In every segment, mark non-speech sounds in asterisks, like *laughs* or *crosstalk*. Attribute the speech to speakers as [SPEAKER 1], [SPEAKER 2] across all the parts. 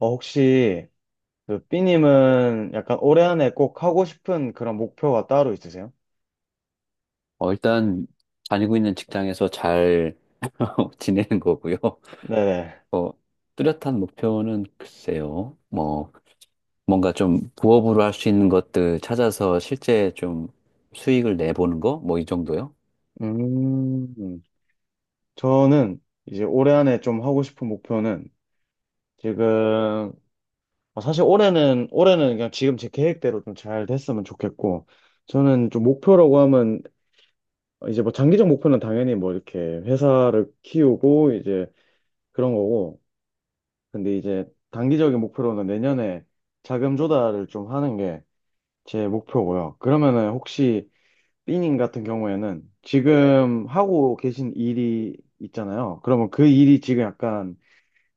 [SPEAKER 1] 혹시 그 B님은 약간 올해 안에 꼭 하고 싶은 그런 목표가 따로 있으세요?
[SPEAKER 2] 일단 다니고 있는 직장에서 잘 *laughs* 지내는 거고요.
[SPEAKER 1] 네네.
[SPEAKER 2] 어, 뚜렷한 목표는 글쎄요. 뭐 뭔가 좀 부업으로 할 수 있는 것들 찾아서 실제 좀 수익을 내보는 거? 뭐 이 정도요?
[SPEAKER 1] 음, 저는 이제 올해 안에 좀 하고 싶은 목표는 지금, 아, 사실 올해는 그냥 지금 제 계획대로 좀 잘 됐으면 좋겠고, 저는 좀 목표라고 하면 이제 뭐 장기적 목표는 당연히 뭐 이렇게 회사를 키우고 이제 그런 거고, 근데 이제 단기적인 목표로는 내년에 자금 조달을 좀 하는 게 제 목표고요. 그러면은 혹시 삐님 같은 경우에는 지금 하고 계신 일이 있잖아요. 그러면 그 일이 지금 약간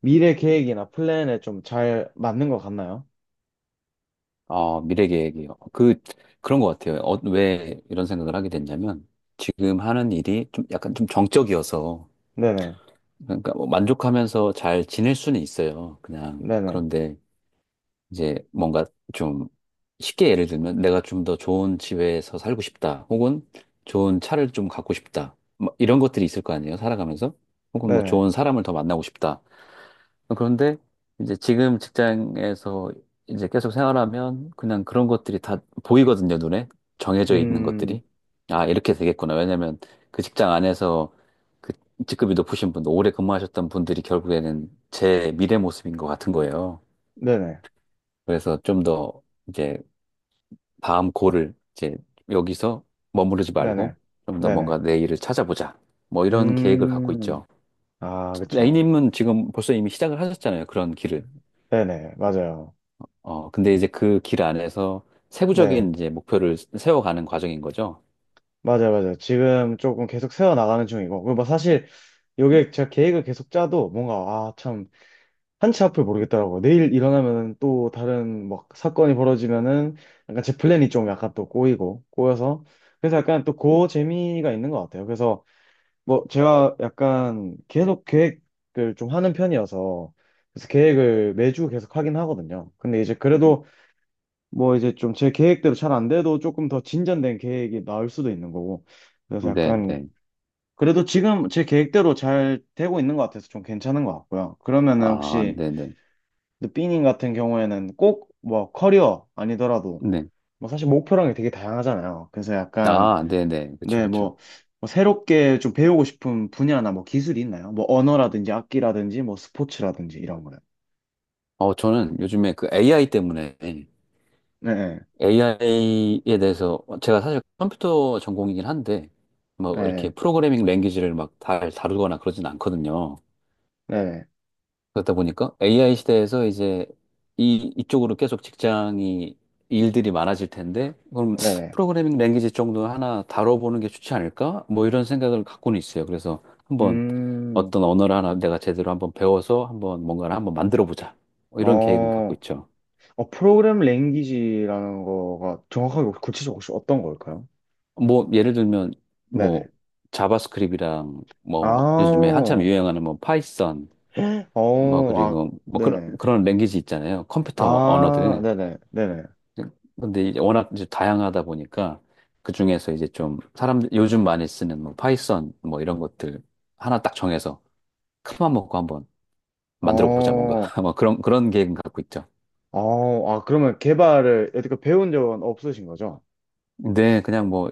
[SPEAKER 1] 미래 계획이나 플랜에 좀 잘 맞는 것 같나요?
[SPEAKER 2] 미래 계획이요. 그런 것 같아요. 왜 이런 생각을 하게 됐냐면 지금 하는 일이 좀 약간 좀 정적이어서
[SPEAKER 1] 네네,
[SPEAKER 2] 그러니까 뭐 만족하면서 잘 지낼 수는 있어요. 그냥
[SPEAKER 1] 네네,
[SPEAKER 2] 그런데 이제 뭔가 좀 쉽게 예를 들면 내가 좀 더 좋은 집에서 살고 싶다. 혹은 좋은 차를 좀 갖고 싶다. 뭐 이런 것들이 있을 거 아니에요. 살아가면서. 혹은 뭐
[SPEAKER 1] 네네,
[SPEAKER 2] 좋은 사람을 더 만나고 싶다. 그런데 이제 지금 직장에서 이제 계속 생활하면 그냥 그런 것들이 다 보이거든요. 눈에. 정해져 있는
[SPEAKER 1] 음,
[SPEAKER 2] 것들이. 아, 이렇게 되겠구나. 왜냐면 그 직장 안에서 그 직급이 높으신 분들, 오래 근무하셨던 분들이 결국에는 제 미래 모습인 것 같은 거예요.
[SPEAKER 1] 네네,
[SPEAKER 2] 그래서 좀 더 이제 다음 고를 이제 여기서 머무르지
[SPEAKER 1] 네네,
[SPEAKER 2] 말고 좀 더
[SPEAKER 1] 네네,
[SPEAKER 2] 뭔가 내 일을 찾아보자. 뭐 이런 계획을 갖고
[SPEAKER 1] 음,
[SPEAKER 2] 있죠.
[SPEAKER 1] 아, 그쵸.
[SPEAKER 2] A님은 지금 벌써 이미 시작을 하셨잖아요. 그런 길을.
[SPEAKER 1] 네네, 맞아요.
[SPEAKER 2] 근데 이제 그 길 안에서
[SPEAKER 1] 네,
[SPEAKER 2] 세부적인 이제 목표를 세워가는 과정인 거죠.
[SPEAKER 1] 맞아요, 맞아요. 지금 조금 계속 세워나가는 중이고. 그리고 뭐 사실, 요게 제가 계획을 계속 짜도 뭔가, 아, 참 한치 앞을 모르겠더라고요. 내일 일어나면 또 다른 막 사건이 벌어지면은 약간 제 플랜이 좀 약간 또 꼬이고 꼬여서, 그래서 약간 또 그 재미가 있는 것 같아요. 그래서 뭐 제가 약간 계속 계획을 좀 하는 편이어서, 그래서 계획을 매주 계속 하긴 하거든요. 근데 이제 그래도 뭐 이제 좀 제 계획대로 잘 안 돼도 조금 더 진전된 계획이 나올 수도 있는 거고, 그래서
[SPEAKER 2] 네,
[SPEAKER 1] 약간,
[SPEAKER 2] 네.
[SPEAKER 1] 그래도 지금 제 계획대로 잘 되고 있는 것 같아서 좀 괜찮은 것 같고요. 그러면은
[SPEAKER 2] 아,
[SPEAKER 1] 혹시
[SPEAKER 2] 네, 네.
[SPEAKER 1] 근데 삐님 같은 경우에는 꼭 뭐 커리어 아니더라도
[SPEAKER 2] 네.
[SPEAKER 1] 뭐 사실 목표라는 게 되게 다양하잖아요. 그래서 약간,
[SPEAKER 2] 아, 네, 네. 그쵸,
[SPEAKER 1] 네,
[SPEAKER 2] 그쵸.
[SPEAKER 1] 뭐, 뭐 새롭게 좀 배우고 싶은 분야나 뭐 기술이 있나요? 뭐 언어라든지 악기라든지 뭐 스포츠라든지 이런 거요.
[SPEAKER 2] 저는 요즘에 그 AI 때문에
[SPEAKER 1] 네,
[SPEAKER 2] AI에 대해서 제가 사실 컴퓨터 전공이긴 한데 뭐 이렇게
[SPEAKER 1] 네,
[SPEAKER 2] 프로그래밍 랭귀지를 막 잘 다루거나 그러진 않거든요.
[SPEAKER 1] 네,
[SPEAKER 2] 그렇다 보니까 AI 시대에서 이제 이 이쪽으로 계속 직장이 일들이 많아질 텐데 그럼
[SPEAKER 1] 네, 네.
[SPEAKER 2] 프로그래밍 랭귀지 정도 하나 다뤄보는 게 좋지 않을까? 뭐 이런 생각을 갖고는 있어요. 그래서 한번
[SPEAKER 1] 음,
[SPEAKER 2] 어떤 언어를 하나 내가 제대로 한번 배워서 한번 뭔가를 한번 만들어 보자. 이런 계획은 갖고
[SPEAKER 1] 어,
[SPEAKER 2] 있죠.
[SPEAKER 1] 프로그램 랭귀지라는 거가 정확하게 혹시 구체적으로 혹시 어떤 걸까요?
[SPEAKER 2] 뭐 예를 들면 뭐
[SPEAKER 1] 네네.
[SPEAKER 2] 자바스크립이랑 뭐 요즘에
[SPEAKER 1] 아,
[SPEAKER 2] 한참 유행하는 뭐 파이썬 뭐
[SPEAKER 1] 어, 아,
[SPEAKER 2] 그리고 뭐 그런
[SPEAKER 1] 네네.
[SPEAKER 2] 그런 랭귀지 있잖아요. 컴퓨터
[SPEAKER 1] 아,
[SPEAKER 2] 언어들.
[SPEAKER 1] 네네, 네네.
[SPEAKER 2] 근데 이제 워낙 이제 다양하다 보니까 그 중에서 이제 좀 사람 요즘 많이 쓰는 뭐 파이썬 뭐 이런 것들 하나 딱 정해서 큰맘 먹고 한번 만들어 보자 뭔가
[SPEAKER 1] 어,
[SPEAKER 2] *laughs* 뭐 그런 계획은 갖고 있죠.
[SPEAKER 1] 아, 그러면 개발을 여태껏 배운 적은 없으신 거죠?
[SPEAKER 2] 네 그냥 뭐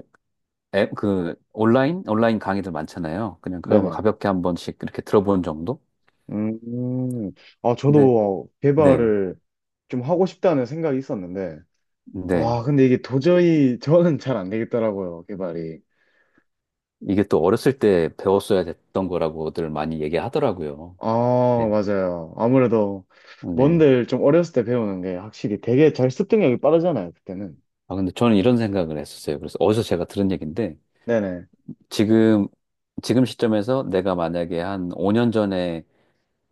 [SPEAKER 2] 앱 그 온라인 강의들 많잖아요. 그냥 그런 거
[SPEAKER 1] 네네.
[SPEAKER 2] 가볍게 한 번씩 이렇게 들어보는 정도?
[SPEAKER 1] 음, 아,
[SPEAKER 2] 근데
[SPEAKER 1] 저도
[SPEAKER 2] 네.
[SPEAKER 1] 개발을 좀 하고 싶다는 생각이 있었는데,
[SPEAKER 2] 네.
[SPEAKER 1] 아, 근데 이게 도저히 *laughs* 저는 잘 안 되겠더라고요, 개발이.
[SPEAKER 2] 이게 또 어렸을 때 배웠어야 됐던 거라고들 많이 얘기하더라고요.
[SPEAKER 1] 아,
[SPEAKER 2] 네.
[SPEAKER 1] 맞아요. 아무래도
[SPEAKER 2] 네.
[SPEAKER 1] 뭔들 좀 어렸을 때 배우는 게 확실히 되게 잘 습득력이 빠르잖아요, 그때는.
[SPEAKER 2] 아, 근데 저는 이런 생각을 했었어요. 그래서 어디서 제가 들은 얘기인데,
[SPEAKER 1] 네네.
[SPEAKER 2] 지금, 지금 시점에서 내가 만약에 한 5년 전에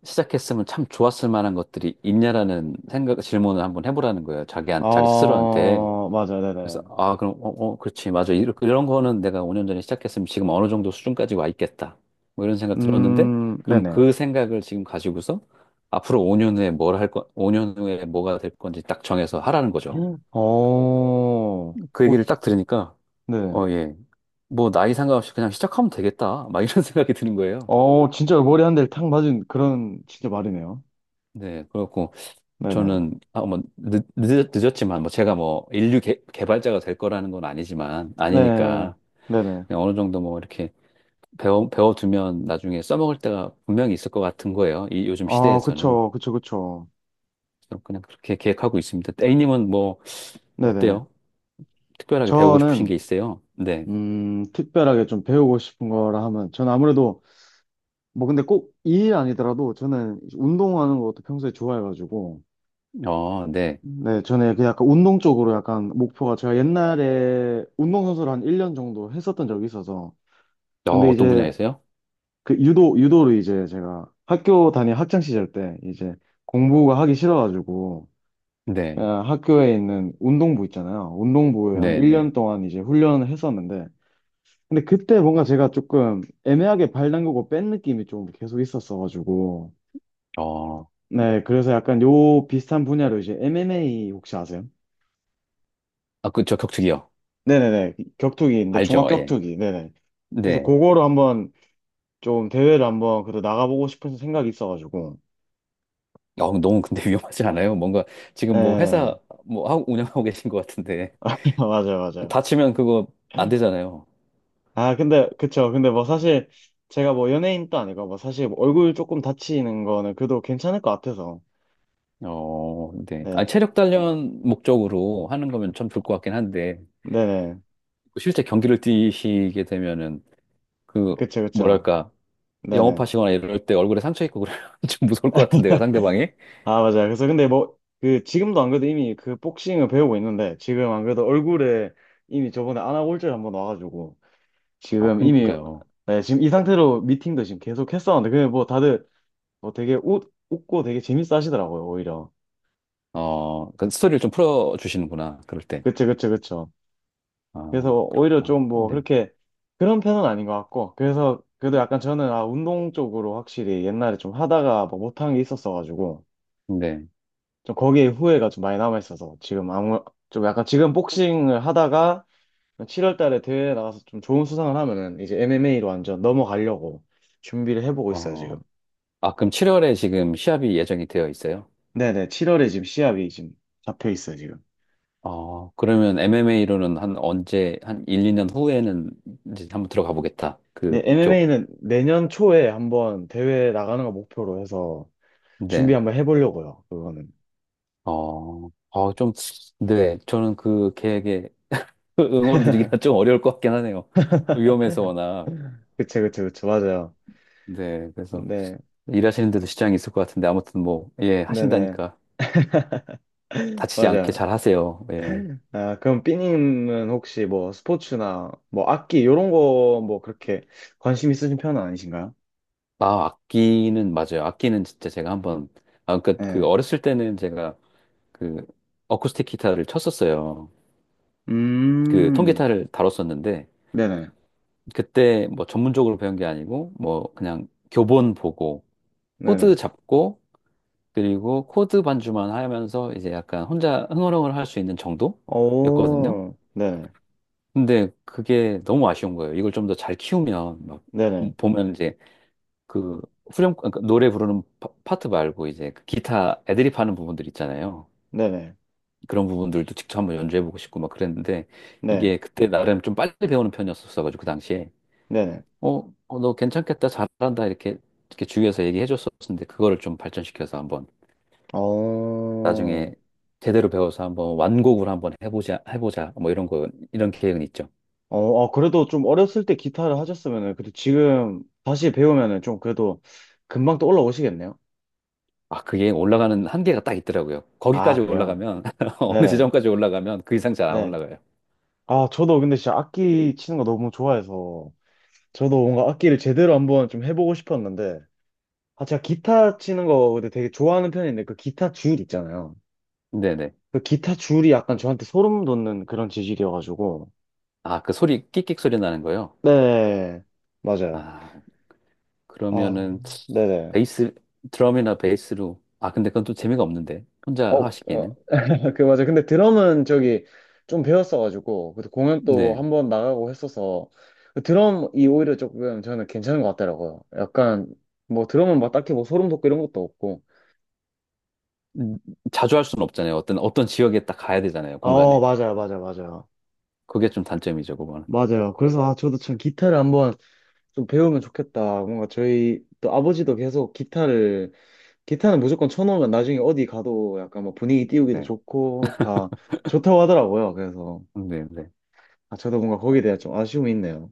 [SPEAKER 2] 시작했으면 참 좋았을 만한 것들이 있냐라는 생각, 질문을 한번 해보라는 거예요. 자기 스스로한테.
[SPEAKER 1] 아, 맞아요,
[SPEAKER 2] 그래서
[SPEAKER 1] 네네.
[SPEAKER 2] 아 그럼 어 그렇지 맞아 이런 런 거는 내가 5년 전에 시작했으면 지금 어느 정도 수준까지 와 있겠다 뭐 이런 생각 들었는데 그럼
[SPEAKER 1] 네네.
[SPEAKER 2] 그 생각을 지금 가지고서 앞으로 5년 후에 뭘 할 거, 5년 후에 뭐가 될 건지 딱 정해서 하라는 거죠.
[SPEAKER 1] 어, 어,
[SPEAKER 2] 그 얘기를 딱 들으니까
[SPEAKER 1] 네.
[SPEAKER 2] 어 예 뭐 나이 상관없이 그냥 시작하면 되겠다 막 이런 *laughs* 생각이 드는 거예요.
[SPEAKER 1] 어, 진짜 머리 한 대를 탁 맞은 그런 진짜 말이네요.
[SPEAKER 2] 네 그렇고
[SPEAKER 1] 네네.
[SPEAKER 2] 저는 아뭐 늦었지만 뭐 제가 뭐 인류 개발자가 될 거라는 건 아니지만
[SPEAKER 1] 네.
[SPEAKER 2] 아니니까
[SPEAKER 1] 네네.
[SPEAKER 2] 그냥 어느 정도 뭐 이렇게 배워두면 나중에 써먹을 때가 분명히 있을 것 같은 거예요. 이 요즘
[SPEAKER 1] 어,
[SPEAKER 2] 시대에서는.
[SPEAKER 1] 그쵸, 그쵸, 그쵸.
[SPEAKER 2] 그럼 그냥 그렇게 계획하고 있습니다. A님은 뭐,
[SPEAKER 1] 네네.
[SPEAKER 2] 어때요? 특별하게 배우고 싶으신
[SPEAKER 1] 저는,
[SPEAKER 2] 게 있어요? 네.
[SPEAKER 1] 특별하게 좀 배우고 싶은 거라 하면, 저는 아무래도, 뭐 근데 꼭 이 일 아니더라도 저는 운동하는 것도 평소에 좋아해가지고,
[SPEAKER 2] 네.
[SPEAKER 1] 네, 저는 그 약간 운동 쪽으로 약간 목표가 제가 옛날에 운동선수를 한 1년 정도 했었던 적이 있어서, 근데
[SPEAKER 2] 어떤
[SPEAKER 1] 이제
[SPEAKER 2] 분야에서요?
[SPEAKER 1] 그 유도를 이제 제가 학교 다니 학창 시절 때 이제 공부가 하기 싫어가지고
[SPEAKER 2] 네.
[SPEAKER 1] 그냥 학교에 있는 운동부 있잖아요. 운동부에 한
[SPEAKER 2] 네, 네.
[SPEAKER 1] 1년 동안 이제 훈련을 했었는데, 근데 그때 뭔가 제가 조금 애매하게 발 담그고 뺀 느낌이 좀 계속 있었어가지고,
[SPEAKER 2] 어,
[SPEAKER 1] 네 그래서 약간 요 비슷한 분야로 이제 MMA 혹시 아세요?
[SPEAKER 2] 아, 저 격투기요.
[SPEAKER 1] 네네네 격투기인데 종합
[SPEAKER 2] 알죠, 예.
[SPEAKER 1] 격투기 네네 그래서
[SPEAKER 2] 네.
[SPEAKER 1] 그거로 한번 좀 대회를 한번 그래도 나가보고 싶은 생각이 있어가지고,
[SPEAKER 2] 너무 근데 *laughs* 위험하지 않아요? 뭔가 지금 뭐 회사
[SPEAKER 1] 예
[SPEAKER 2] 뭐 하고 운영하고 계신 것 같은데.
[SPEAKER 1] *laughs* 맞아요, 맞아요.
[SPEAKER 2] 다치면 그거 안 되잖아요.
[SPEAKER 1] 아, 근데, 그쵸. 근데 뭐 사실 제가 뭐 연예인도 아니고 뭐 사실 뭐 얼굴 조금 다치는 거는 그래도 괜찮을 것 같아서.
[SPEAKER 2] 어, 네. 아,
[SPEAKER 1] 네.
[SPEAKER 2] 체력 단련 목적으로 하는 거면 참 좋을 것 같긴 한데.
[SPEAKER 1] 네네.
[SPEAKER 2] 실제 경기를 뛰시게 되면은 그
[SPEAKER 1] 그쵸, 그쵸.
[SPEAKER 2] 뭐랄까
[SPEAKER 1] 네네.
[SPEAKER 2] 영업하시거나 이럴 때 얼굴에 상처 있고 그러면 *laughs* 좀 무서울 것 같은데요, 상대방이.
[SPEAKER 1] 아, 맞아요. 그래서 근데 뭐 그 지금도 안 그래도 이미 그 복싱을 배우고 있는데 지금 안 그래도 얼굴에 이미 저번에 안아골절 한번 와가지고
[SPEAKER 2] 아,
[SPEAKER 1] 지금 이미,
[SPEAKER 2] 그러니까요.
[SPEAKER 1] 네, 지금 이 상태로 미팅도 지금 계속 했었는데 근데 뭐 다들 뭐 되게 웃고 되게 재밌어 하시더라고요, 오히려.
[SPEAKER 2] 어, 그 스토리를 좀 풀어주시는구나, 그럴 때.
[SPEAKER 1] 그쵸, 그쵸, 그쵸. 그래서
[SPEAKER 2] 아,
[SPEAKER 1] 오히려
[SPEAKER 2] 그렇구나.
[SPEAKER 1] 좀 뭐
[SPEAKER 2] 네.
[SPEAKER 1] 그렇게 그런 편은 아닌 것 같고, 그래서 그래도 약간 저는 아 운동 쪽으로 확실히 옛날에 좀 하다가 뭐 못한 게 있었어가지고
[SPEAKER 2] 네.
[SPEAKER 1] 좀 거기에 후회가 좀 많이 남아 있어서 지금 아무 좀 약간 지금 복싱을 하다가 7월 달에 대회 나가서 좀 좋은 수상을 하면은 이제 MMA로 완전 넘어가려고 준비를 해보고 있어요
[SPEAKER 2] 어,
[SPEAKER 1] 지금.
[SPEAKER 2] 아, 그럼 7월에 지금 시합이 예정이 되어 있어요?
[SPEAKER 1] 네네 7월에 지금 시합이 지금 잡혀 있어요 지금.
[SPEAKER 2] 어, 그러면 MMA로는 한 언제, 한 1, 2년 후에는 이제 한번 들어가 보겠다.
[SPEAKER 1] 네
[SPEAKER 2] 그쪽.
[SPEAKER 1] MMA는 내년 초에 한번 대회 나가는 거 목표로 해서 준비
[SPEAKER 2] 네.
[SPEAKER 1] 한번 해보려고요 그거는.
[SPEAKER 2] 좀, 네. 저는 그 계획에 *laughs* 응원드리기가 좀 어려울 것 같긴 하네요. 위험해서
[SPEAKER 1] *laughs*
[SPEAKER 2] 워낙.
[SPEAKER 1] 그쵸, 그쵸, 그쵸. 맞아요.
[SPEAKER 2] 네, 그래서
[SPEAKER 1] 네,
[SPEAKER 2] 일하시는데도 지장이 있을 것 같은데 아무튼 뭐, 예,
[SPEAKER 1] 네네.
[SPEAKER 2] 하신다니까
[SPEAKER 1] *laughs*
[SPEAKER 2] 다치지 않게
[SPEAKER 1] 맞아요.
[SPEAKER 2] 잘 하세요. 예.
[SPEAKER 1] 아, 그럼 삐님은 혹시 뭐 스포츠나 뭐 악기 이런 거 뭐 그렇게 관심 있으신 편은 아니신가요?
[SPEAKER 2] 아, 악기는 맞아요. 악기는 진짜 제가 한번 아, 그러니까 그
[SPEAKER 1] 네.
[SPEAKER 2] 어렸을 때는 제가 그 어쿠스틱 기타를 쳤었어요. 그
[SPEAKER 1] 음,
[SPEAKER 2] 통기타를 다뤘었는데
[SPEAKER 1] 네네.
[SPEAKER 2] 그때 뭐 전문적으로 배운 게 아니고 뭐 그냥 교본 보고 코드
[SPEAKER 1] 네네.
[SPEAKER 2] 잡고 그리고 코드 반주만 하면서 이제 약간 혼자 흥얼흥얼 할 수 있는 정도였거든요.
[SPEAKER 1] 오, 네네.
[SPEAKER 2] 근데 그게 너무 아쉬운 거예요. 이걸 좀 더 잘 키우면 막
[SPEAKER 1] 네네.
[SPEAKER 2] 보면 이제 그 후렴 그러니까 노래 부르는 파트 말고 이제 그 기타 애드립 하는 부분들 있잖아요.
[SPEAKER 1] 네네.
[SPEAKER 2] 그런 부분들도 직접 한번 연주해보고 싶고 막 그랬는데
[SPEAKER 1] 네.
[SPEAKER 2] 이게 그때 나름 좀 빨리 배우는 편이었었어가지고 그 당시에
[SPEAKER 1] 네네.
[SPEAKER 2] 너 괜찮겠다 잘한다 이렇게 주위에서 얘기해줬었는데 그거를 좀 발전시켜서 한번
[SPEAKER 1] 어,
[SPEAKER 2] 나중에 제대로 배워서 한번 완곡을 한번 해보자. 뭐 이런 계획은 있죠.
[SPEAKER 1] 아, 그래도 좀 어렸을 때 기타를 하셨으면은, 그래도 지금 다시 배우면은 좀 그래도 금방 또 올라오시겠네요?
[SPEAKER 2] 아, 그게 올라가는 한계가 딱 있더라고요.
[SPEAKER 1] 아,
[SPEAKER 2] 거기까지
[SPEAKER 1] 그래요?
[SPEAKER 2] 올라가면, *laughs* 어느
[SPEAKER 1] 네네.
[SPEAKER 2] 지점까지 올라가면 그 이상 잘 안
[SPEAKER 1] 네.
[SPEAKER 2] 올라가요.
[SPEAKER 1] 아, 저도 근데 진짜 악기 치는 거 너무 좋아해서 저도 뭔가 악기를 제대로 한번 좀 해보고 싶었는데, 아, 제가 기타 치는 거 근데 되게 좋아하는 편인데 그 기타 줄 있잖아요.
[SPEAKER 2] 네네.
[SPEAKER 1] 그 기타 줄이 약간 저한테 소름 돋는 그런 재질이어가지고.
[SPEAKER 2] 아, 그 소리, 끽끽 소리 나는 거요?
[SPEAKER 1] 네. 맞아요.
[SPEAKER 2] 아,
[SPEAKER 1] 아,
[SPEAKER 2] 그러면은,
[SPEAKER 1] 네네.
[SPEAKER 2] 베이스, 드럼이나 베이스로. 아, 근데 그건 또 재미가 없는데. 혼자
[SPEAKER 1] 어, 어,
[SPEAKER 2] 하시기에는.
[SPEAKER 1] *laughs* 그 맞아. 근데 드럼은 저기 좀 배웠어가지고, 그래도 공연 또
[SPEAKER 2] 네.
[SPEAKER 1] 한번 나가고 했어서, 그 드럼이 오히려 조금 저는 괜찮은 것 같더라고요. 약간, 뭐 드럼은 막 딱히 뭐 소름 돋고 이런 것도 없고.
[SPEAKER 2] 음, 자주 할 수는 없잖아요. 어떤 지역에 딱 가야 되잖아요.
[SPEAKER 1] 어,
[SPEAKER 2] 공간에.
[SPEAKER 1] 맞아요, 맞아요, 맞아요.
[SPEAKER 2] 그게 좀 단점이죠, 그거는.
[SPEAKER 1] 맞아요. 그래서 아, 저도 참 기타를 한번 좀 배우면 좋겠다. 뭔가 저희 또 아버지도 계속 기타를, 기타는 무조건 쳐놓으면 나중에 어디 가도 약간 뭐 분위기 띄우기도
[SPEAKER 2] 네.
[SPEAKER 1] 좋고 다 좋다고 하더라고요. 그래서
[SPEAKER 2] 네, 네.
[SPEAKER 1] 아, 저도 뭔가 거기에 대한 좀 아쉬움이 있네요.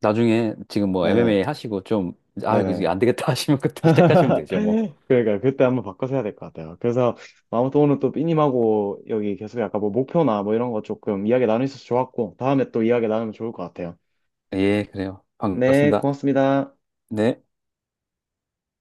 [SPEAKER 2] 나중에 지금 뭐 MMA
[SPEAKER 1] 네네.
[SPEAKER 2] 하시고 좀, 아,
[SPEAKER 1] 네네.
[SPEAKER 2] 이거 안 되겠다 *laughs* 하시면 그때 시작하시면
[SPEAKER 1] *laughs*
[SPEAKER 2] 되죠, 뭐.
[SPEAKER 1] 그러니까 그때 한번 바꿔서 해야 될 것 같아요. 그래서 아무튼 오늘 또 삐님하고 여기 계속 약간 뭐 목표나 뭐 이런 거 조금 이야기 나누어서 좋았고 다음에 또 이야기 나누면 좋을 것 같아요.
[SPEAKER 2] 예, 그래요.
[SPEAKER 1] 네,
[SPEAKER 2] 반갑습니다.
[SPEAKER 1] 고맙습니다.
[SPEAKER 2] 네.